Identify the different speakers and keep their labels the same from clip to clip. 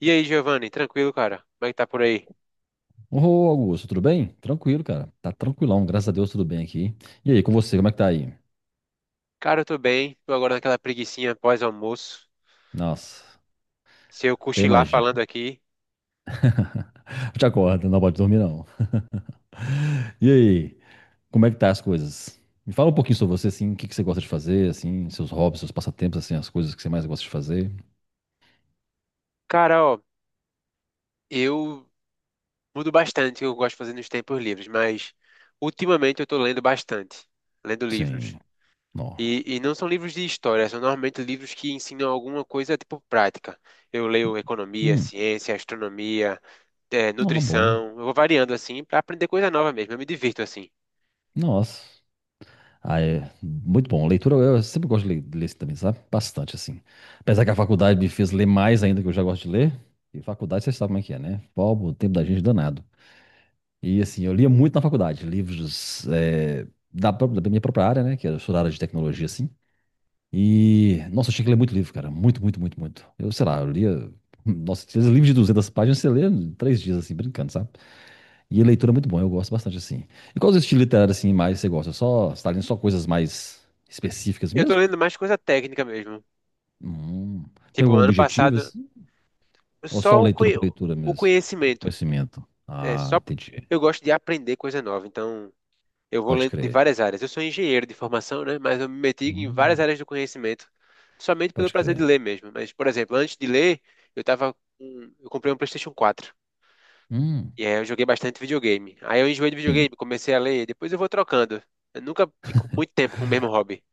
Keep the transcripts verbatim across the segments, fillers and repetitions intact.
Speaker 1: E aí, Giovanni, tranquilo, cara? Como é que tá por aí?
Speaker 2: Ô, Augusto, tudo bem? Tranquilo, cara. Tá tranquilão, graças a Deus, tudo bem aqui. E aí, com você, como é que tá aí?
Speaker 1: Cara, eu tô bem, tô agora naquela preguicinha pós-almoço.
Speaker 2: Nossa,
Speaker 1: Se eu
Speaker 2: até
Speaker 1: cochilar
Speaker 2: imagino.
Speaker 1: falando aqui.
Speaker 2: Eu te acordo, não pode dormir, não. E aí, como é que tá as coisas? Me fala um pouquinho sobre você, assim, o que que você gosta de fazer, assim, seus hobbies, seus passatempos, assim, as coisas que você mais gosta de fazer.
Speaker 1: Cara, ó, eu mudo bastante o que eu gosto de fazer nos tempos livres, mas ultimamente eu tô lendo bastante, lendo livros.
Speaker 2: Sim, não.
Speaker 1: E, e não são livros de história, são normalmente livros que ensinam alguma coisa tipo prática. Eu leio economia,
Speaker 2: Hum,
Speaker 1: ciência, astronomia, eh,
Speaker 2: não, é bom.
Speaker 1: nutrição. Eu vou variando assim pra aprender coisa nova mesmo, eu me divirto assim.
Speaker 2: Nossa. Ah, é muito bom. Leitura, eu sempre gosto de ler, de ler assim também, sabe? Bastante, assim. Apesar que a faculdade me fez ler mais ainda, que eu já gosto de ler. E faculdade, você sabe como é que é, né? Pô, o tempo da gente é danado. E assim, eu lia muito na faculdade, livros eh, da, pró- da minha própria área, né? Que eu sou da área de tecnologia, assim. E, nossa, eu tinha que ler muito livro, cara. Muito, muito, muito, muito. Eu, sei lá, eu lia. Nossa, esses livros de duzentas páginas você lê em três dias, assim, brincando, sabe? E a leitura é muito bom, eu gosto bastante, assim. E qual os estilos literários, assim, mais você gosta? Só, você tá lendo só coisas mais específicas
Speaker 1: Eu tô
Speaker 2: mesmo?
Speaker 1: lendo mais coisa técnica mesmo.
Speaker 2: Hum, tem
Speaker 1: Tipo,
Speaker 2: algum
Speaker 1: ano
Speaker 2: objetivo,
Speaker 1: passado,
Speaker 2: assim? Ou só
Speaker 1: só o,
Speaker 2: leitura
Speaker 1: conhe-
Speaker 2: por leitura
Speaker 1: o
Speaker 2: mesmo?
Speaker 1: conhecimento.
Speaker 2: Conhecimento.
Speaker 1: É,
Speaker 2: Ah,
Speaker 1: só
Speaker 2: entendi.
Speaker 1: eu gosto de aprender coisa nova, então eu vou
Speaker 2: Pode
Speaker 1: ler de
Speaker 2: crer.
Speaker 1: várias áreas. Eu sou engenheiro de formação, né? Mas eu me meti em várias
Speaker 2: Hum,
Speaker 1: áreas do conhecimento, somente pelo
Speaker 2: pode
Speaker 1: prazer de
Speaker 2: crer.
Speaker 1: ler mesmo. Mas, por exemplo, antes de ler, eu tava com... eu comprei um PlayStation quatro.
Speaker 2: Hum.
Speaker 1: E aí eu joguei bastante videogame. Aí eu enjoei de
Speaker 2: Sim.
Speaker 1: videogame, comecei a ler, depois eu vou trocando. Eu nunca fico muito tempo com o mesmo hobby.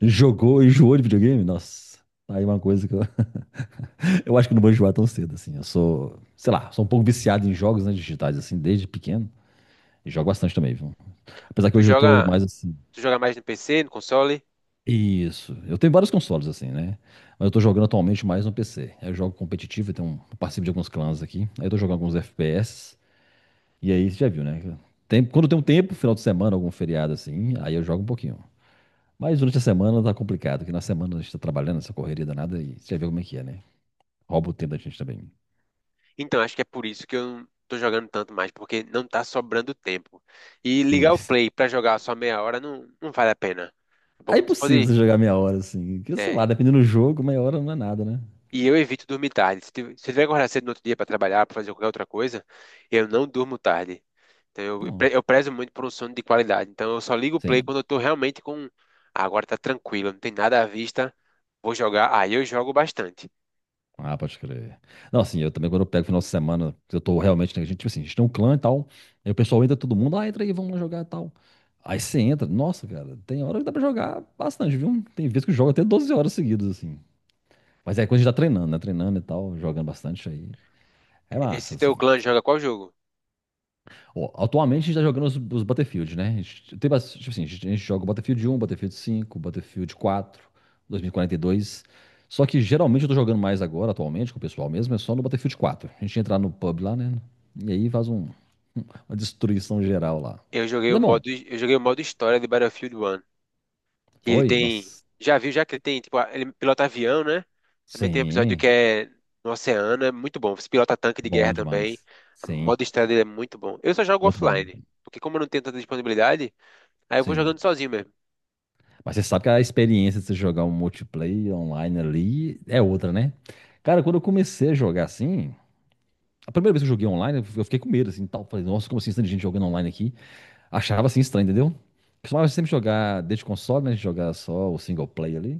Speaker 2: Jogou, enjoou de videogame? Nossa, aí uma coisa que eu, eu acho que eu não vou enjoar tão cedo, assim. Eu sou, sei lá, sou um pouco viciado em jogos, né, digitais, assim, desde pequeno. E jogo bastante também, viu? Apesar que
Speaker 1: Tu
Speaker 2: hoje eu tô
Speaker 1: joga,
Speaker 2: mais assim.
Speaker 1: tu joga mais no P C, no console?
Speaker 2: Isso. Eu tenho vários consoles, assim, né? Mas eu tô jogando atualmente mais no P C. Eu jogo competitivo, eu tenho um, eu participo de alguns clãs aqui. Aí eu tô jogando alguns F P S. E aí você já viu, né? Tem, quando tem um tempo, final de semana, algum feriado, assim, aí eu jogo um pouquinho. Mas durante a semana tá complicado, porque na semana a gente tá trabalhando, essa correria danada, e você já viu como é que é, né? Rouba o tempo da gente também.
Speaker 1: Então, acho que é por isso que eu não tô jogando tanto mais, porque não tá sobrando tempo. E ligar o
Speaker 2: Isso.
Speaker 1: play pra jogar só meia hora não, não vale a pena. Daqui a
Speaker 2: É
Speaker 1: pouco não se
Speaker 2: impossível
Speaker 1: pode.
Speaker 2: você jogar meia hora, assim. Que, sei lá,
Speaker 1: É.
Speaker 2: dependendo do jogo, meia hora não é nada, né?
Speaker 1: E eu evito dormir tarde. Se tiver, se tiver que acordar cedo no outro dia pra trabalhar, pra fazer qualquer outra coisa, eu não durmo tarde. Então, eu, eu pre-
Speaker 2: Não.
Speaker 1: eu prezo muito por um sono de qualidade. Então, eu só ligo o play
Speaker 2: Sim.
Speaker 1: quando eu tô realmente com. Ah, agora tá tranquilo, não tem nada à vista, vou jogar. Aí eu jogo bastante.
Speaker 2: Ah, pode crer. Não, assim, eu também, quando eu pego final de semana, eu tô realmente, né, a gente, tipo assim, a gente tem um clã e tal, aí o pessoal entra todo mundo, ah, entra aí, vamos lá jogar e tal. Aí você entra, nossa, cara, tem hora que dá pra jogar bastante, viu? Tem vezes que eu jogo até doze horas seguidas, assim. Mas é quando a gente tá treinando, né? Treinando e tal, jogando bastante aí. É massa,
Speaker 1: Esse teu
Speaker 2: assim.
Speaker 1: clã joga qual jogo?
Speaker 2: Bom, atualmente a gente tá jogando os, os Battlefield, né? A gente, tem bas- tipo assim, a gente, a gente joga o Battlefield um, Battlefield cinco, Battlefield quatro, dois mil e quarenta e dois. Só que geralmente eu tô jogando mais agora, atualmente, com o pessoal mesmo, é só no Battlefield quatro. A gente entra lá no pub lá, né? E aí faz um- uma destruição geral lá.
Speaker 1: Eu joguei
Speaker 2: Mas
Speaker 1: o
Speaker 2: é bom.
Speaker 1: modo, eu joguei o modo história de Battlefield um. Que ele
Speaker 2: Foi?
Speaker 1: tem.
Speaker 2: Nossa.
Speaker 1: Já viu, já que ele tem, tipo, a- ele pilota avião, né? Também tem um episódio que
Speaker 2: Sim.
Speaker 1: é no oceano, é muito bom. Você pilota tanque de guerra
Speaker 2: Bom
Speaker 1: também.
Speaker 2: demais.
Speaker 1: O
Speaker 2: Sim.
Speaker 1: modo história dele é muito bom. Eu só jogo
Speaker 2: Muito bom. Muito
Speaker 1: offline,
Speaker 2: bom.
Speaker 1: porque como eu não tenho tanta disponibilidade, aí eu vou
Speaker 2: Sim.
Speaker 1: jogando sozinho mesmo.
Speaker 2: Mas você sabe que a experiência de você jogar um multiplayer online ali é outra, né? Cara, quando eu comecei a jogar assim, a primeira vez que eu joguei online, eu fiquei com medo, assim, tal. Falei, nossa, como assim, tanta gente jogando online aqui? Achava, assim, estranho, entendeu? Costumava sempre jogar desde console, né? Jogar só o single player ali.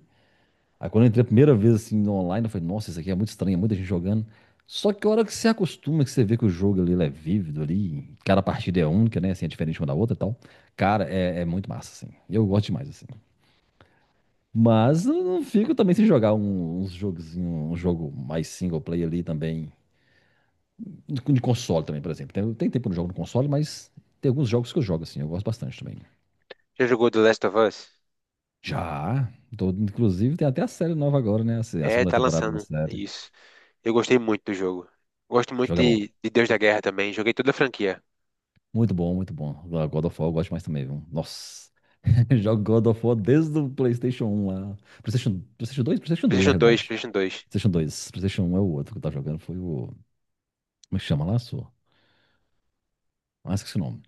Speaker 2: Aí quando eu entrei a primeira vez, assim, no online, eu falei, nossa, isso aqui é muito estranho, é muita gente jogando. Só que a hora que você acostuma, que você vê que o jogo ali, ele é vívido ali, cada partida é única, né? Assim, é diferente uma da outra e tal. Cara, é, é muito massa, assim. Eu gosto demais, assim. Mas eu não fico também sem jogar um- uns jogos, um jogo mais single player ali também. De de console também, por exemplo. Tem, tem tempo que eu não jogo no console, mas tem alguns jogos que eu jogo, assim. Eu gosto bastante também.
Speaker 1: Já jogou The Last of Us?
Speaker 2: Já. Tô- inclusive, tem até a série nova agora, né? A, se- A
Speaker 1: É,
Speaker 2: segunda
Speaker 1: tá
Speaker 2: temporada da
Speaker 1: lançando. É
Speaker 2: série.
Speaker 1: isso. Eu gostei muito do jogo. Gosto muito
Speaker 2: Jogo é bom.
Speaker 1: de, de Deus da Guerra também. Joguei toda a franquia.
Speaker 2: Muito bom, muito bom. God of War eu gosto mais também, viu? Nossa. Jogo God of War desde o PlayStation um lá. PlayStation, PlayStation dois. PlayStation dois na
Speaker 1: PlayStation dois,
Speaker 2: realidade.
Speaker 1: PlayStation dois.
Speaker 2: PlayStation dois. PlayStation um é o outro que eu tava jogando. Foi o. Como é que chama lá, sua? Ah, esqueci o nome.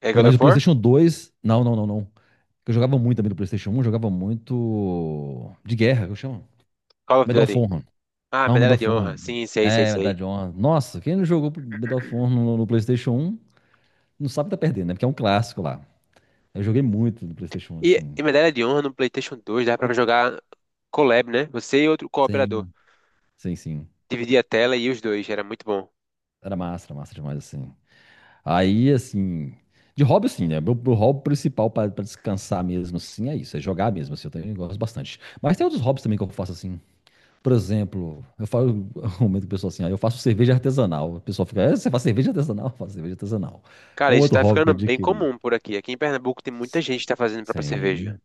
Speaker 1: É
Speaker 2: É,
Speaker 1: God
Speaker 2: mas o
Speaker 1: of War?
Speaker 2: PlayStation dois. Não, não, não, não. Eu jogava muito também do PlayStation um, jogava muito. De guerra, que eu chamo.
Speaker 1: Call of
Speaker 2: Medal of
Speaker 1: Duty.
Speaker 2: Honor.
Speaker 1: Ah,
Speaker 2: Não, Medal
Speaker 1: Medalha de
Speaker 2: of Honor.
Speaker 1: Honra. Sim, sei, sei,
Speaker 2: É, Medal
Speaker 1: sei.
Speaker 2: de Honra. Nossa, quem não jogou Medal of Honor no, no PlayStation um não sabe que tá perdendo, né? Porque é um clássico lá. Eu joguei muito no PlayStation um,
Speaker 1: E,
Speaker 2: assim.
Speaker 1: e Medalha de Honra no PlayStation dois dava pra jogar collab, né? Você e outro cooperador.
Speaker 2: Sim, sim, sim.
Speaker 1: Dividia a tela e os dois, era muito bom.
Speaker 2: Era massa, era massa demais, assim. Aí, assim. De hobby, assim, né? Meu, meu hobby principal pra, pra descansar mesmo, assim, é isso. É jogar mesmo, assim. Eu também gosto bastante. Mas tem outros hobbies também que eu faço, assim. Por exemplo, eu falo, aumento o pessoal assim, ah, eu faço cerveja artesanal. O pessoal fica, "É, você faz cerveja artesanal? Eu faço cerveja artesanal. É
Speaker 1: Cara,
Speaker 2: um
Speaker 1: isso
Speaker 2: outro
Speaker 1: tá
Speaker 2: hobby que
Speaker 1: ficando
Speaker 2: eu
Speaker 1: bem
Speaker 2: adquiri.
Speaker 1: comum por aqui. Aqui em Pernambuco tem muita gente que tá fazendo própria cerveja.
Speaker 2: Sim.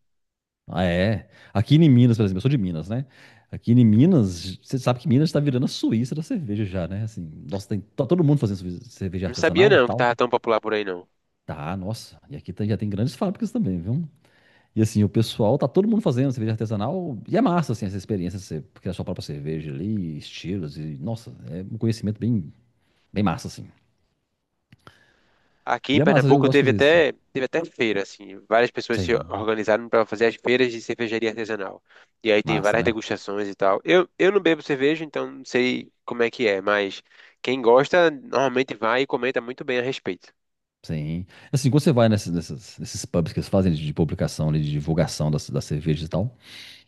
Speaker 2: Ah, é. Aqui em Minas, por exemplo, eu sou de Minas, né? Aqui em Minas, você sabe que Minas está virando a Suíça da cerveja já, né? Assim, nossa, tem, tá todo mundo fazendo suvi- cerveja
Speaker 1: Não sabia
Speaker 2: artesanal,
Speaker 1: não que
Speaker 2: tal.
Speaker 1: tava tão popular por aí não.
Speaker 2: Tá, nossa. E aqui tá- já tem grandes fábricas também, viu? E assim, o pessoal, tá todo mundo fazendo cerveja artesanal. E é massa, assim, essa experiência, você criar sua própria cerveja ali, estilos e, nossa, é um conhecimento bem, bem massa, assim.
Speaker 1: Aqui em
Speaker 2: E é massa, eu
Speaker 1: Pernambuco
Speaker 2: gosto de
Speaker 1: teve
Speaker 2: fazer isso.
Speaker 1: até, teve até feira, assim. Várias pessoas se
Speaker 2: Sim,
Speaker 1: organizaram pra fazer as feiras de cervejaria artesanal. E aí tem
Speaker 2: massa,
Speaker 1: várias
Speaker 2: né?
Speaker 1: degustações e tal. Eu, eu não bebo cerveja, então não sei como é que é, mas quem gosta normalmente vai e comenta muito bem a respeito.
Speaker 2: Sim. Assim, quando você vai nesses, nessas- nesses pubs que eles fazem de publicação, ali, de divulgação das, das, cervejas e tal,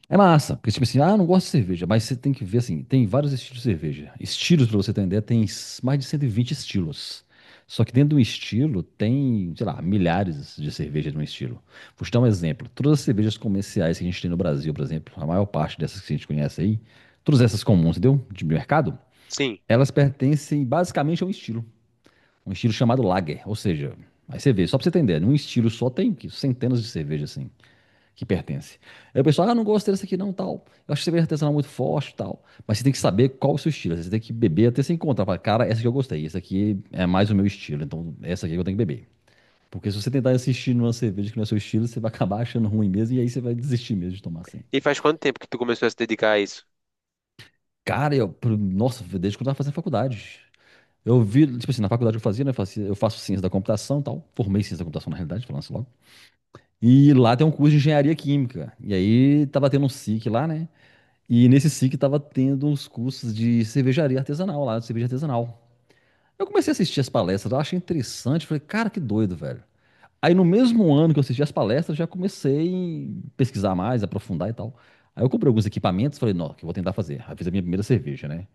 Speaker 2: é massa. Porque, tipo assim, ah, não gosto de cerveja, mas você tem que ver, assim, tem vários estilos de cerveja. Estilos, pra você ter uma ideia, tem s- mais de cento e vinte estilos. Só que dentro de um estilo tem, sei lá, milhares de cervejas num estilo. Vou te dar um exemplo. Todas as cervejas comerciais que a gente tem no Brasil, por exemplo, a maior parte dessas que a gente conhece aí, todas essas comuns, entendeu? De mercado,
Speaker 1: Sim.
Speaker 2: elas pertencem basicamente a um estilo. Um estilo chamado lager, ou seja, aí você vê, só pra você entender, num estilo só tem centenas de cervejas assim que pertencem. Aí o pessoal, ah, não gosto desse aqui não, tal. Eu acho que cerveja artesanal muito forte, tal. Mas você tem que saber qual é o seu estilo, você tem que beber até se encontrar. Fala, cara, essa aqui eu gostei, essa aqui é mais o meu estilo, então essa aqui eu tenho que beber. Porque se você tentar assistir numa cerveja que não é seu estilo, você vai acabar achando ruim mesmo e aí você vai desistir mesmo de tomar assim.
Speaker 1: E faz quanto tempo que tu começou a se dedicar a isso?
Speaker 2: Cara, eu, pro- nossa, desde quando eu tava fazendo faculdade. Eu vi, tipo assim, na faculdade que eu fazia, né? Eu fazia- eu faço ciência da computação e tal. Formei ciência da computação, na realidade, falando assim logo. E lá tem um curso de engenharia química. E aí tava tendo um S I C lá, né? E nesse S I C tava tendo uns cursos de cervejaria artesanal lá, de cerveja artesanal. Eu comecei a assistir as palestras, eu achei interessante, falei, cara, que doido, velho. Aí no mesmo ano que eu assisti as palestras, já comecei a pesquisar mais, aprofundar e tal. Aí eu comprei alguns equipamentos, falei, não, que eu vou tentar fazer. Aí fiz a minha primeira cerveja, né?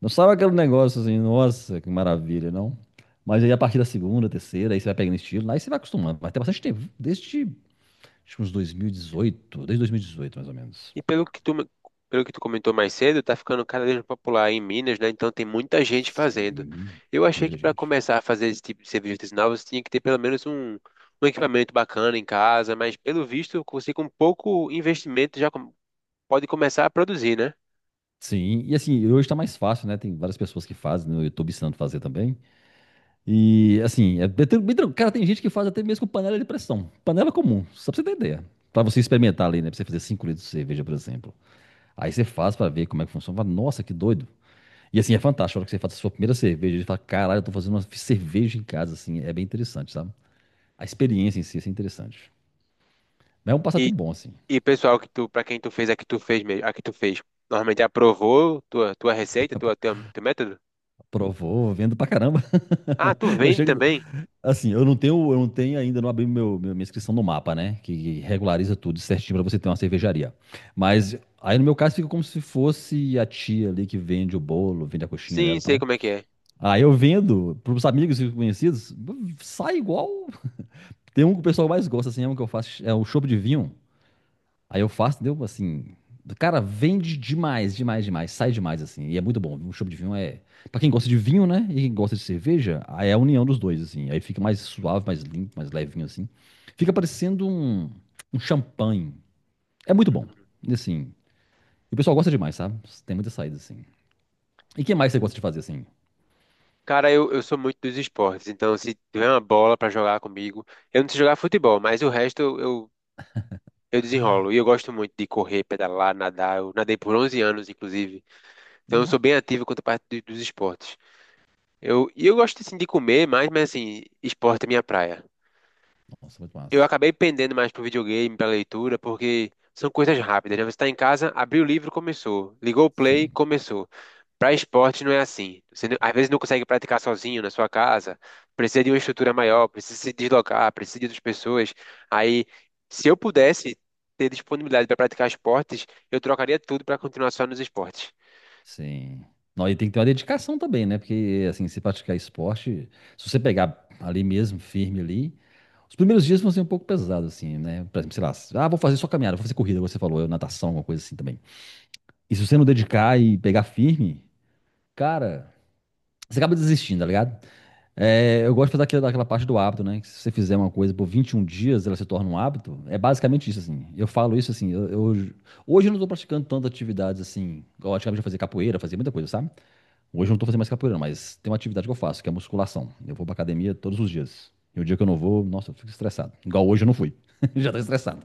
Speaker 2: Não sabe aquele negócio assim, nossa, que maravilha, não? Mas aí a partir da segunda, terceira, aí você vai pegando estilo, aí você vai acostumando. Vai ter bastante tempo, desde acho que uns dois mil e dezoito, desde dois mil e dezoito mais ou menos.
Speaker 1: E pelo que tu, me- pelo que tu comentou mais cedo, tá ficando cada vez mais popular em Minas, né? Então tem muita gente fazendo.
Speaker 2: Sim,
Speaker 1: Eu achei que
Speaker 2: muita
Speaker 1: para
Speaker 2: gente.
Speaker 1: começar a fazer esse tipo de serviços artesanais, você tinha que ter pelo menos um, um equipamento bacana em casa, mas pelo visto, você com pouco investimento já com- pode começar a produzir, né?
Speaker 2: Sim, e assim, hoje tá mais fácil, né? Tem várias pessoas que fazem, né? Eu tô ensinando a fazer também. E assim, é bem, tran- bem tranquilo. Cara, tem gente que faz até mesmo com panela de pressão. Panela comum, só pra você ter ideia. Pra você experimentar ali, né? Pra você fazer cinco litros de cerveja, por exemplo. Aí você faz pra ver como é que funciona. Fala, nossa, que doido. E assim, é fantástico. A hora que você faz a sua primeira cerveja, você fala, caralho, eu tô fazendo uma cerveja em casa, assim. É bem interessante, sabe? A experiência em si assim, é interessante. Mas é um passatempo bom, assim.
Speaker 1: E o pessoal que tu, para quem tu fez, a que tu fez mesmo, a que tu fez, normalmente aprovou tua tua receita, tua, tua teu método?
Speaker 2: Provou, vendo pra caramba.
Speaker 1: Ah, tu
Speaker 2: Eu
Speaker 1: vende
Speaker 2: chego.
Speaker 1: também?
Speaker 2: Assim, eu não tenho, eu não tenho ainda, não abri meu, meu- minha inscrição no mapa, né? Que regulariza tudo certinho pra você ter uma cervejaria. Mas aí no meu caso fica como se fosse a tia ali que vende o bolo, vende a coxinha dela
Speaker 1: Sim,
Speaker 2: e
Speaker 1: sei
Speaker 2: tal.
Speaker 1: como é que é.
Speaker 2: Aí eu vendo pros amigos e conhecidos, sai igual. Tem um que o pessoal mais gosta, assim, é um que eu faço, é o chopp de vinho. Aí eu faço, entendeu? Assim, cara, vende demais, demais, demais. Sai demais, assim. E é muito bom. Um chopp de vinho é. Pra quem gosta de vinho, né? E quem gosta de cerveja, aí é a união dos dois, assim. Aí fica mais suave, mais limpo, mais levinho, assim. Fica parecendo um, um, champanhe. É muito bom. E, assim. E o pessoal gosta demais, sabe? Tem muita saída, assim. E o que mais você gosta de fazer, assim?
Speaker 1: Cara, eu, eu sou muito dos esportes, então se tiver uma bola pra jogar comigo, eu não sei jogar futebol, mas o resto eu, eu, eu desenrolo. E eu gosto muito de correr, pedalar, nadar. Eu nadei por onze anos, inclusive. Então eu sou
Speaker 2: Nó,
Speaker 1: bem ativo quanto à parte do- dos esportes. Eu, e eu gosto, assim, de comer mais, mas, assim, esporte é minha praia.
Speaker 2: nossa, muito
Speaker 1: Eu
Speaker 2: massa.
Speaker 1: acabei pendendo mais pro videogame, pra leitura, porque são coisas rápidas, né? Você tá em casa, abriu o livro, começou. Ligou o play,
Speaker 2: Sim.
Speaker 1: começou. Pra esporte não é assim. Você, não- às vezes não consegue praticar sozinho na sua casa, precisa de uma estrutura maior, precisa se deslocar, precisa de outras pessoas. Aí, se eu pudesse ter disponibilidade para praticar esportes, eu trocaria tudo para continuar só nos esportes.
Speaker 2: Sim. Não, e tem que ter uma dedicação também, né? Porque, assim, se praticar esporte, se você pegar ali mesmo, firme ali, os primeiros dias vão ser um pouco pesados, assim, né? Por exemplo, sei lá, ah, vou fazer só caminhada, vou fazer corrida, como você falou, eu, natação, alguma coisa assim também. E se você não dedicar e pegar firme, cara, você acaba desistindo, tá ligado? É, eu gosto de fazer aquela, daquela parte do hábito, né? Que se você fizer uma coisa por vinte e um dias, ela se torna um hábito. É basicamente isso, assim. Eu falo isso, assim, eu, eu- hoje eu não tô praticando tantas atividades, assim, igual antigamente eu fazia capoeira, fazia muita coisa, sabe? Hoje eu não tô fazendo mais capoeira, mas tem uma atividade que eu faço, que é musculação. Eu vou pra academia todos os dias. E o dia que eu não vou, nossa, eu fico estressado. Igual hoje eu não fui. Já tô estressado.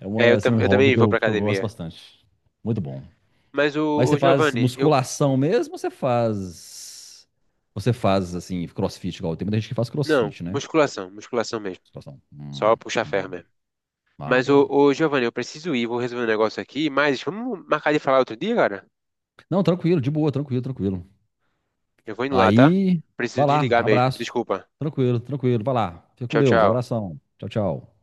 Speaker 2: É
Speaker 1: É,
Speaker 2: uma,
Speaker 1: eu,
Speaker 2: assim,
Speaker 1: tam-
Speaker 2: um
Speaker 1: eu
Speaker 2: hobby
Speaker 1: também
Speaker 2: que
Speaker 1: vou
Speaker 2: eu,
Speaker 1: pra
Speaker 2: que eu gosto
Speaker 1: academia.
Speaker 2: bastante. Muito bom.
Speaker 1: Mas
Speaker 2: Mas
Speaker 1: o,
Speaker 2: você
Speaker 1: o
Speaker 2: faz
Speaker 1: Giovanni, eu.
Speaker 2: musculação mesmo ou você faz. Você faz, assim, crossfit, igual tem muita gente que faz
Speaker 1: Não,
Speaker 2: crossfit, né?
Speaker 1: musculação, musculação mesmo.
Speaker 2: Situação.
Speaker 1: Só
Speaker 2: Hum,
Speaker 1: puxar ferro
Speaker 2: hum.
Speaker 1: mesmo.
Speaker 2: Ah,
Speaker 1: Mas, ô,
Speaker 2: bom.
Speaker 1: ô Giovanni, eu preciso ir, vou resolver um negócio aqui, mas vamos marcar de falar outro dia, cara?
Speaker 2: Não, tranquilo, de boa, tranquilo, tranquilo.
Speaker 1: Eu vou indo lá, tá?
Speaker 2: Aí,
Speaker 1: Preciso
Speaker 2: vai lá,
Speaker 1: desligar mesmo.
Speaker 2: abraço.
Speaker 1: Desculpa.
Speaker 2: Tranquilo, tranquilo, vai lá. Fica com
Speaker 1: Tchau,
Speaker 2: Deus,
Speaker 1: tchau.
Speaker 2: abração. Tchau, tchau.